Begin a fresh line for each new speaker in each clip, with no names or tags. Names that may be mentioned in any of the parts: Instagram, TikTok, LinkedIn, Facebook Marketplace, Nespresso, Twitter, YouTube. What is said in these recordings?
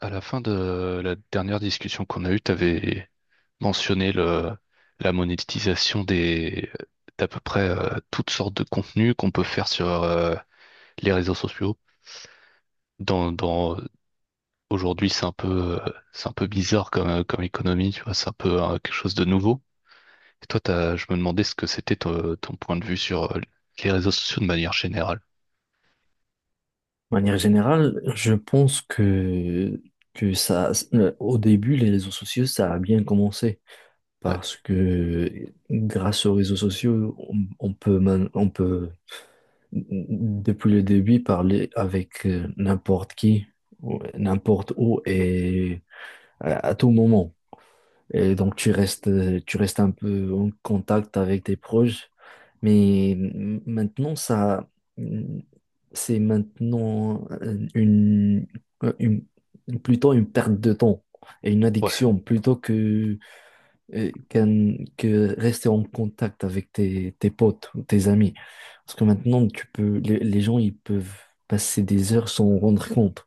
À la fin de la dernière discussion qu'on a eue, tu avais mentionné la monétisation d'à peu près toutes sortes de contenus qu'on peut faire sur les réseaux sociaux. Dans, dans, aujourd'hui, c'est un c'est un peu bizarre comme économie, tu vois, c'est un peu quelque chose de nouveau. Et toi, je me demandais ce que c'était ton point de vue sur les réseaux sociaux de manière générale.
De manière générale, je pense que au début, les réseaux sociaux, ça a bien commencé
Ouais,
parce que grâce aux réseaux sociaux, on peut, on peut, depuis le début, parler avec n'importe qui, n'importe où et à tout moment. Et donc, tu restes un peu en contact avec tes proches. Mais maintenant, mmh, c'est euh, une- plutôt une perte de temps et une
ouais,
addiction plutôt que rester en contact avec tes potes ou tes amis. Parce que maintenant, les gens, ils peuvent passer des heures sans rendre compte.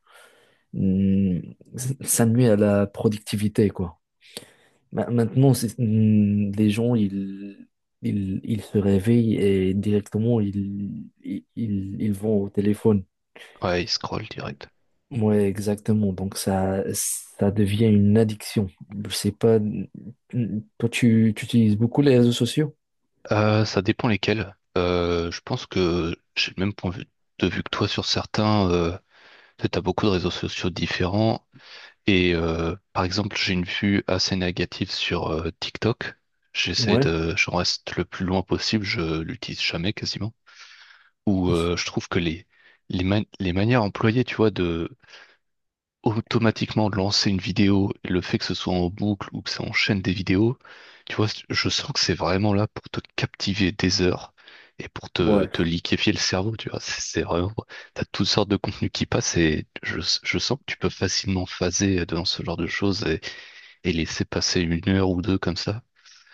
Hum, Ça nuit à la productivité, quoi. Maintenant, les gens, ils se réveillent et directement, ils vont au téléphone.
ouais, ils scrollent direct.
Ouais, exactement. Donc, ça devient une addiction. Je sais pas. Tu utilises beaucoup les réseaux sociaux?
Ça dépend lesquels. Je pense que j'ai le même point de vue que toi sur certains. Tu as beaucoup de réseaux sociaux différents. Et par exemple, j'ai une vue assez négative sur TikTok.
Ouais,
J'en reste le plus loin possible. Je l'utilise jamais quasiment. Où je trouve que les manières employées, tu vois, de automatiquement lancer une vidéo, et le fait que ce soit en boucle ou que ça enchaîne des vidéos, tu vois, je sens que c'est vraiment là pour te captiver des heures et pour te,
ouais,
te liquéfier le cerveau, tu vois. C'est vraiment, t'as toutes sortes de contenus qui passent et je sens que tu peux facilement phaser dans ce genre de choses et laisser passer une heure ou deux comme ça.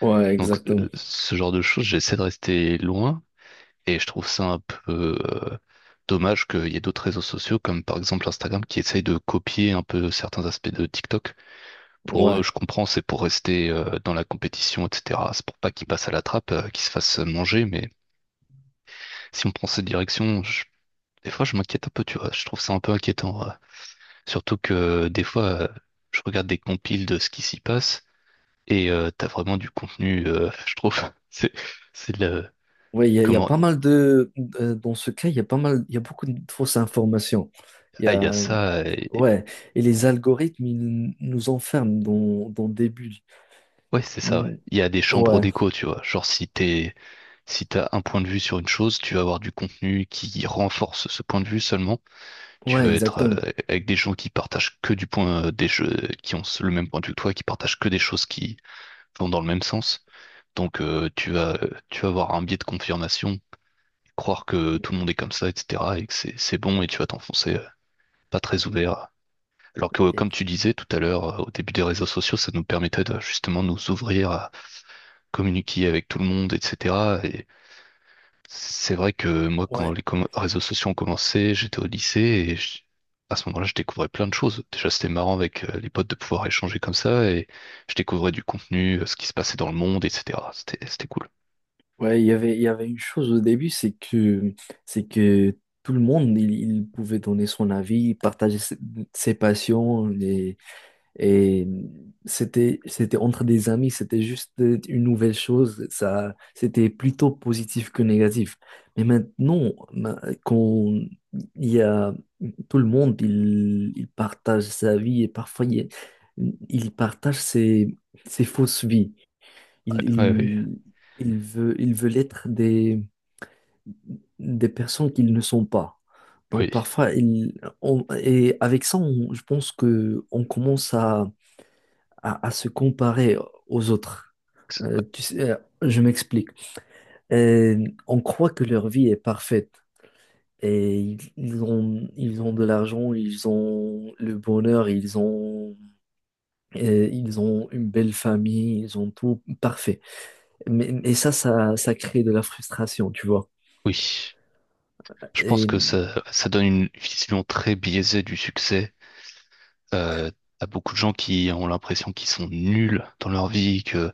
ouais,
Donc,
exactement.
ce genre de choses, j'essaie de rester loin. Et je trouve ça un peu dommage qu'il y ait d'autres réseaux sociaux, comme par exemple Instagram, qui essayent de copier un peu certains aspects de TikTok. Pour eux,
Ouais.
je comprends, c'est pour rester dans la compétition, etc. C'est pour pas qu'ils passent à la trappe, qu'ils se fassent manger. Mais si on prend cette direction, des fois, je m'inquiète un peu, tu vois. Je trouve ça un peu inquiétant. Ouais. Surtout que des je regarde des compiles de ce qui s'y passe et t'as vraiment du contenu, je trouve. C'est, c'est le...
Oui, il y a
Comment...
pas mal de… Dans ce cas, il y a pas mal… Il y a beaucoup de fausses informations. Il y
Ah, il y a
a…
ça.
Ouais, et les algorithmes, ils nous enferment dans des bulles.
Ouais, c'est ça, ouais.
Mm.
Il y a des chambres
Ouais,
d'écho, tu vois. Genre, si t'as un point de vue sur une chose, tu vas avoir du contenu qui renforce ce point de vue seulement. Tu
ouais,
vas être
exactement.
avec des gens qui partagent que du qui ont le même point de vue que toi, qui partagent que des choses qui vont dans le même sens. Donc, tu vas avoir un biais de confirmation, croire que tout le monde est comme ça, etc., et que c'est bon, et tu vas t'enfoncer pas très ouvert. Alors
Et-
comme tu disais tout à l'heure, au début des réseaux sociaux, ça nous permettait de justement nous ouvrir communiquer avec tout le monde, etc. Et c'est vrai que moi, quand
ouais,
les réseaux sociaux ont commencé, j'étais au lycée et à ce moment-là, je découvrais plein de choses. Déjà, c'était marrant avec les potes de pouvoir échanger comme ça et je découvrais du contenu, ce qui se passait dans le monde, etc. C'était cool.
ouais, il y avait une chose au début, c'est que tout le monde, il pouvait donner son avis, partager ses passions. Et c'était, c'était entre des amis, c'était juste une nouvelle chose. Ça, c'était plutôt positif que négatif. Mais maintenant, quand il y a tout le monde, il partage sa vie et parfois il partage ses fausses vies. Il,
Ouais, oui,
il, il veut, il veut l'être des personnes qu'ils ne sont pas. Donc
oui,
parfois, il, on- et avec ça, je pense que on commence à à se comparer aux autres.
Ça-
Euh, tu sais, euh, je m'explique. On croit que leur vie est parfaite et ils ont de l'argent, ils ont le bonheur, ils ont une belle famille, ils ont tout parfait. Ça crée de la frustration, tu vois.
oui. Je pense que
Et
ça donne une vision très biaisée du succès. Euh, t'as beaucoup de gens qui ont l'impression qu'ils sont nuls dans leur vie, que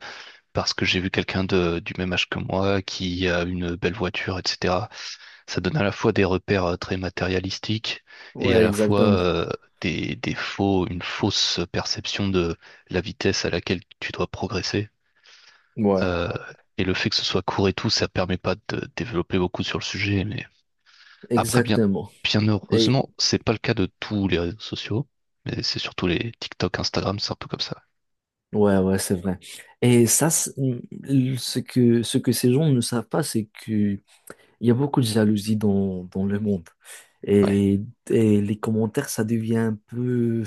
parce que j'ai vu quelqu'un du même âge que moi qui a une belle voiture, etc. Ça donne à la fois des repères très matérialistiques et à
ouais,
la fois
exactement.
une fausse perception de la vitesse à laquelle tu dois progresser.
Ouais,
Euh, et le fait que ce soit court et tout, ça permet pas de développer beaucoup sur le sujet. Mais après, bien,
exactement.
bien
Et
heureusement, c'est pas le cas de tous les réseaux sociaux. Mais c'est surtout les TikTok, Instagram, c'est un peu comme ça.
ouais, ouais, c'est vrai. Et ça, c'est- ce que ces gens ne savent pas, c'est que Il y a beaucoup de jalousie dans le monde.
Ouais.
Et, et les commentaires,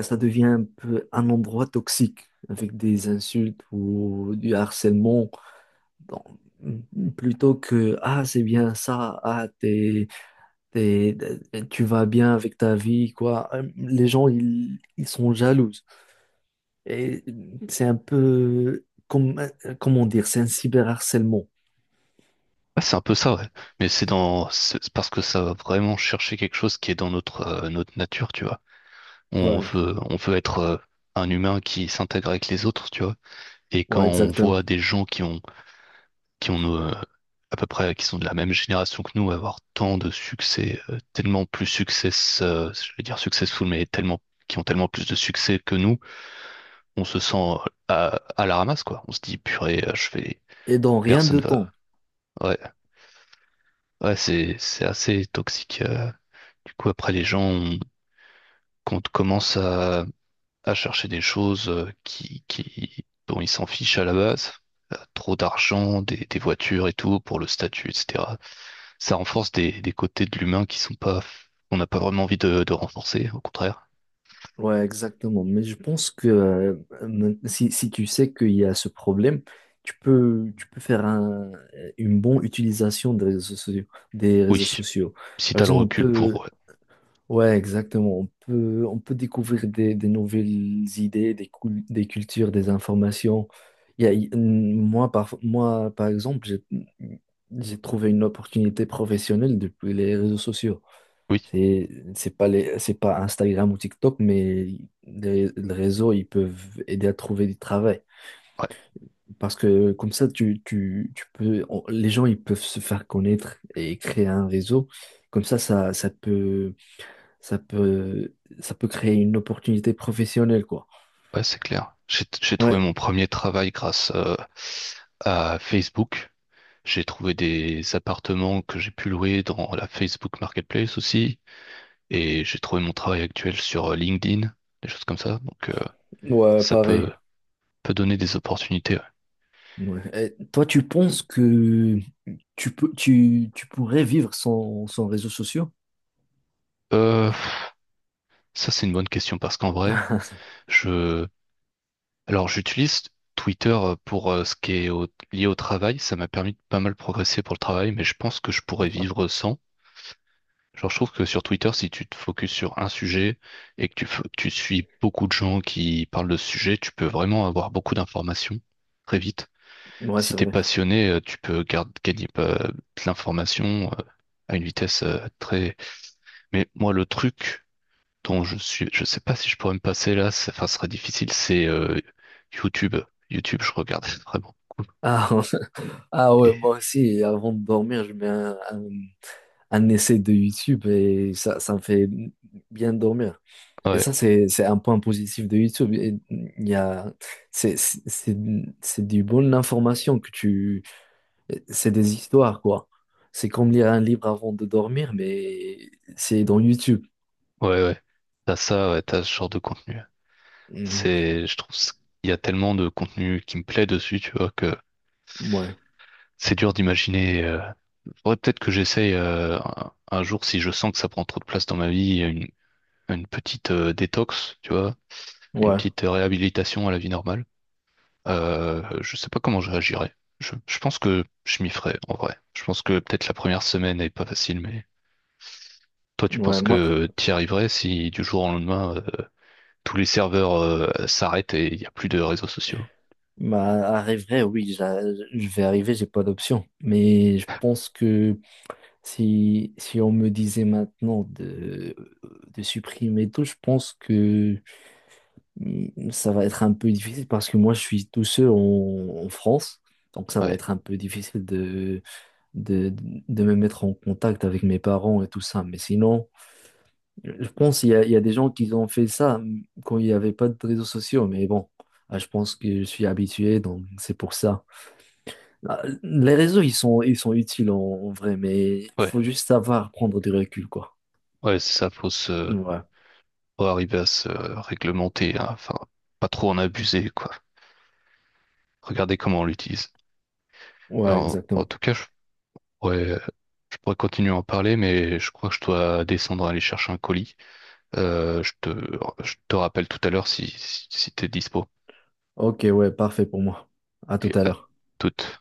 ça devient un peu un endroit toxique avec des insultes ou du harcèlement. Donc, plutôt que, ah, c'est bien ça, t'es- tu vas bien avec ta vie, quoi. Les gens, ils sont jaloux. Et c'est un peu, comme, comment dire, c'est un cyberharcèlement.
Ah, c'est un peu ça, ouais. Mais c'est dans, c'est parce que ça va vraiment chercher quelque chose qui est dans notre nature, tu vois.
Ouais,
On veut être un humain qui s'intègre avec les autres, tu vois. Et quand
ouais,
on
exactement.
voit des gens qui ont à peu près, qui sont de la même génération que nous, avoir tant de succès, je vais dire successful, mais tellement, qui ont tellement plus de succès que nous, on se sent à, à la ramasse, quoi. On se dit, purée,
Et dans rien de
personne
temps.
va. Ouais, ouais, c'est assez toxique. Du coup, après, les gens, ont- quand commencent à chercher des choses dont ils s'en fichent à la base, trop d'argent, des voitures et tout, pour le statut, etc. Ça renforce des côtés de l'humain qui sont pas, on n'a pas vraiment envie de renforcer, au contraire.
Ouais, exactement. Mais je pense que si, si tu sais qu'il y a ce problème, tu peux faire une bonne utilisation des réseaux sociaux, des réseaux
Oui,
sociaux.
si
Par
t'as le
exemple, on
recul pour,
peut,
ouais.
ouais, exactement. On peut découvrir des nouvelles idées, des cultures, des informations. Il y a- il- moi, par exemple, j'ai trouvé une opportunité professionnelle depuis les réseaux sociaux.
Oui,
C'est, c'est pas Instagram ou TikTok, mais les réseaux, ils peuvent aider à trouver du travail.
ouais,
Parce que comme ça, les gens, ils peuvent se faire connaître et créer un réseau. Comme ça, ça peut, ça peut créer une opportunité professionnelle, quoi.
ouais, c'est clair. J'ai trouvé
Ouais,
mon premier travail grâce, à Facebook. J'ai trouvé des appartements que j'ai pu louer dans la Facebook Marketplace aussi. Et j'ai trouvé mon travail actuel sur LinkedIn, des choses comme ça. Donc,
ouais,
ça peut,
pareil.
peut donner des opportunités. Ouais.
Ouais. Et toi, tu penses que tu pourrais vivre sans, sans réseaux sociaux?
Euh, c'est une bonne question parce qu'en vrai, je, alors, j'utilise Twitter pour ce qui est lié au travail. Ça m'a permis de pas mal progresser pour le travail, mais je pense que je pourrais vivre sans. Genre, je trouve que sur Twitter, si tu te focuses sur un sujet et que tu suis beaucoup de gens qui parlent de ce sujet, tu peux vraiment avoir beaucoup d'informations très vite.
Ouais,
Si
c'est
t'es
vrai.
passionné, gagner de l'information à une vitesse très. Mais moi, le truc dont je sais pas si je pourrais me passer là, ça, enfin, ce serait difficile. C'est YouTube. YouTube, je regarde vraiment beaucoup.
Ah, ah ouais,
Et
moi aussi, avant de dormir, je mets un essai de YouTube et ça me fait bien dormir. Et
ouais,
ça, c'est un point positif de YouTube. Et Il y a, c'est, c'est, c'est c'est du bonne information que c'est des histoires, quoi. C'est comme lire un livre avant de dormir, mais c'est dans YouTube.
ouais, ouais. T'as ça, ouais, t'as ce genre de contenu.
Mhm.
C'est, je trouve, c- il y a tellement de contenu qui me plaît dessus, tu vois, que
Ouais,
c'est dur d'imaginer. Faudrait peut-être que j'essaye un jour si je sens que ça prend trop de place dans ma une petite détox, tu vois une
ouais,
petite réhabilitation à la vie normale. Je sais pas comment je réagirais. Je pense que je m'y ferais, en vrai. Je pense que peut-être la première semaine est pas facile, mais toi, tu
ouais.
penses
Moi,
que t'y arriverais si du jour au lendemain, tous les serveurs, s'arrêtent et il n'y a plus de réseaux sociaux?
bah, arriverai, oui, je vais arriver, j'ai pas d'option. Mais je pense que si, si on me disait maintenant de supprimer tout, je pense que ça va être un peu difficile parce que moi je suis tout seul en, en France, donc ça va
Ouais,
être un peu difficile de, de me mettre en contact avec mes parents et tout ça. Mais sinon, je pense il y a des gens qui ont fait ça quand il n'y avait pas de réseaux sociaux, mais bon, ah, je pense que je suis habitué, donc c'est pour ça. Ah, les réseaux, ils sont utiles en, en vrai, mais il
ouais,
faut juste savoir prendre du recul, quoi.
ouais, c'est ça, faut se,
Ouais,
faut arriver à se réglementer, hein. Enfin, pas trop en abuser, quoi. Regardez comment on l'utilise.
ouais,
Alors, en, en
exactement.
tout cas, pourrais, je pourrais continuer à en parler, mais je crois que je dois descendre aller chercher un colis. Euh, je te, je te rappelle tout à l'heure si, si, si t'es dispo.
Ok, ouais, parfait pour moi. À tout
Et
à
à
l'heure.
toute.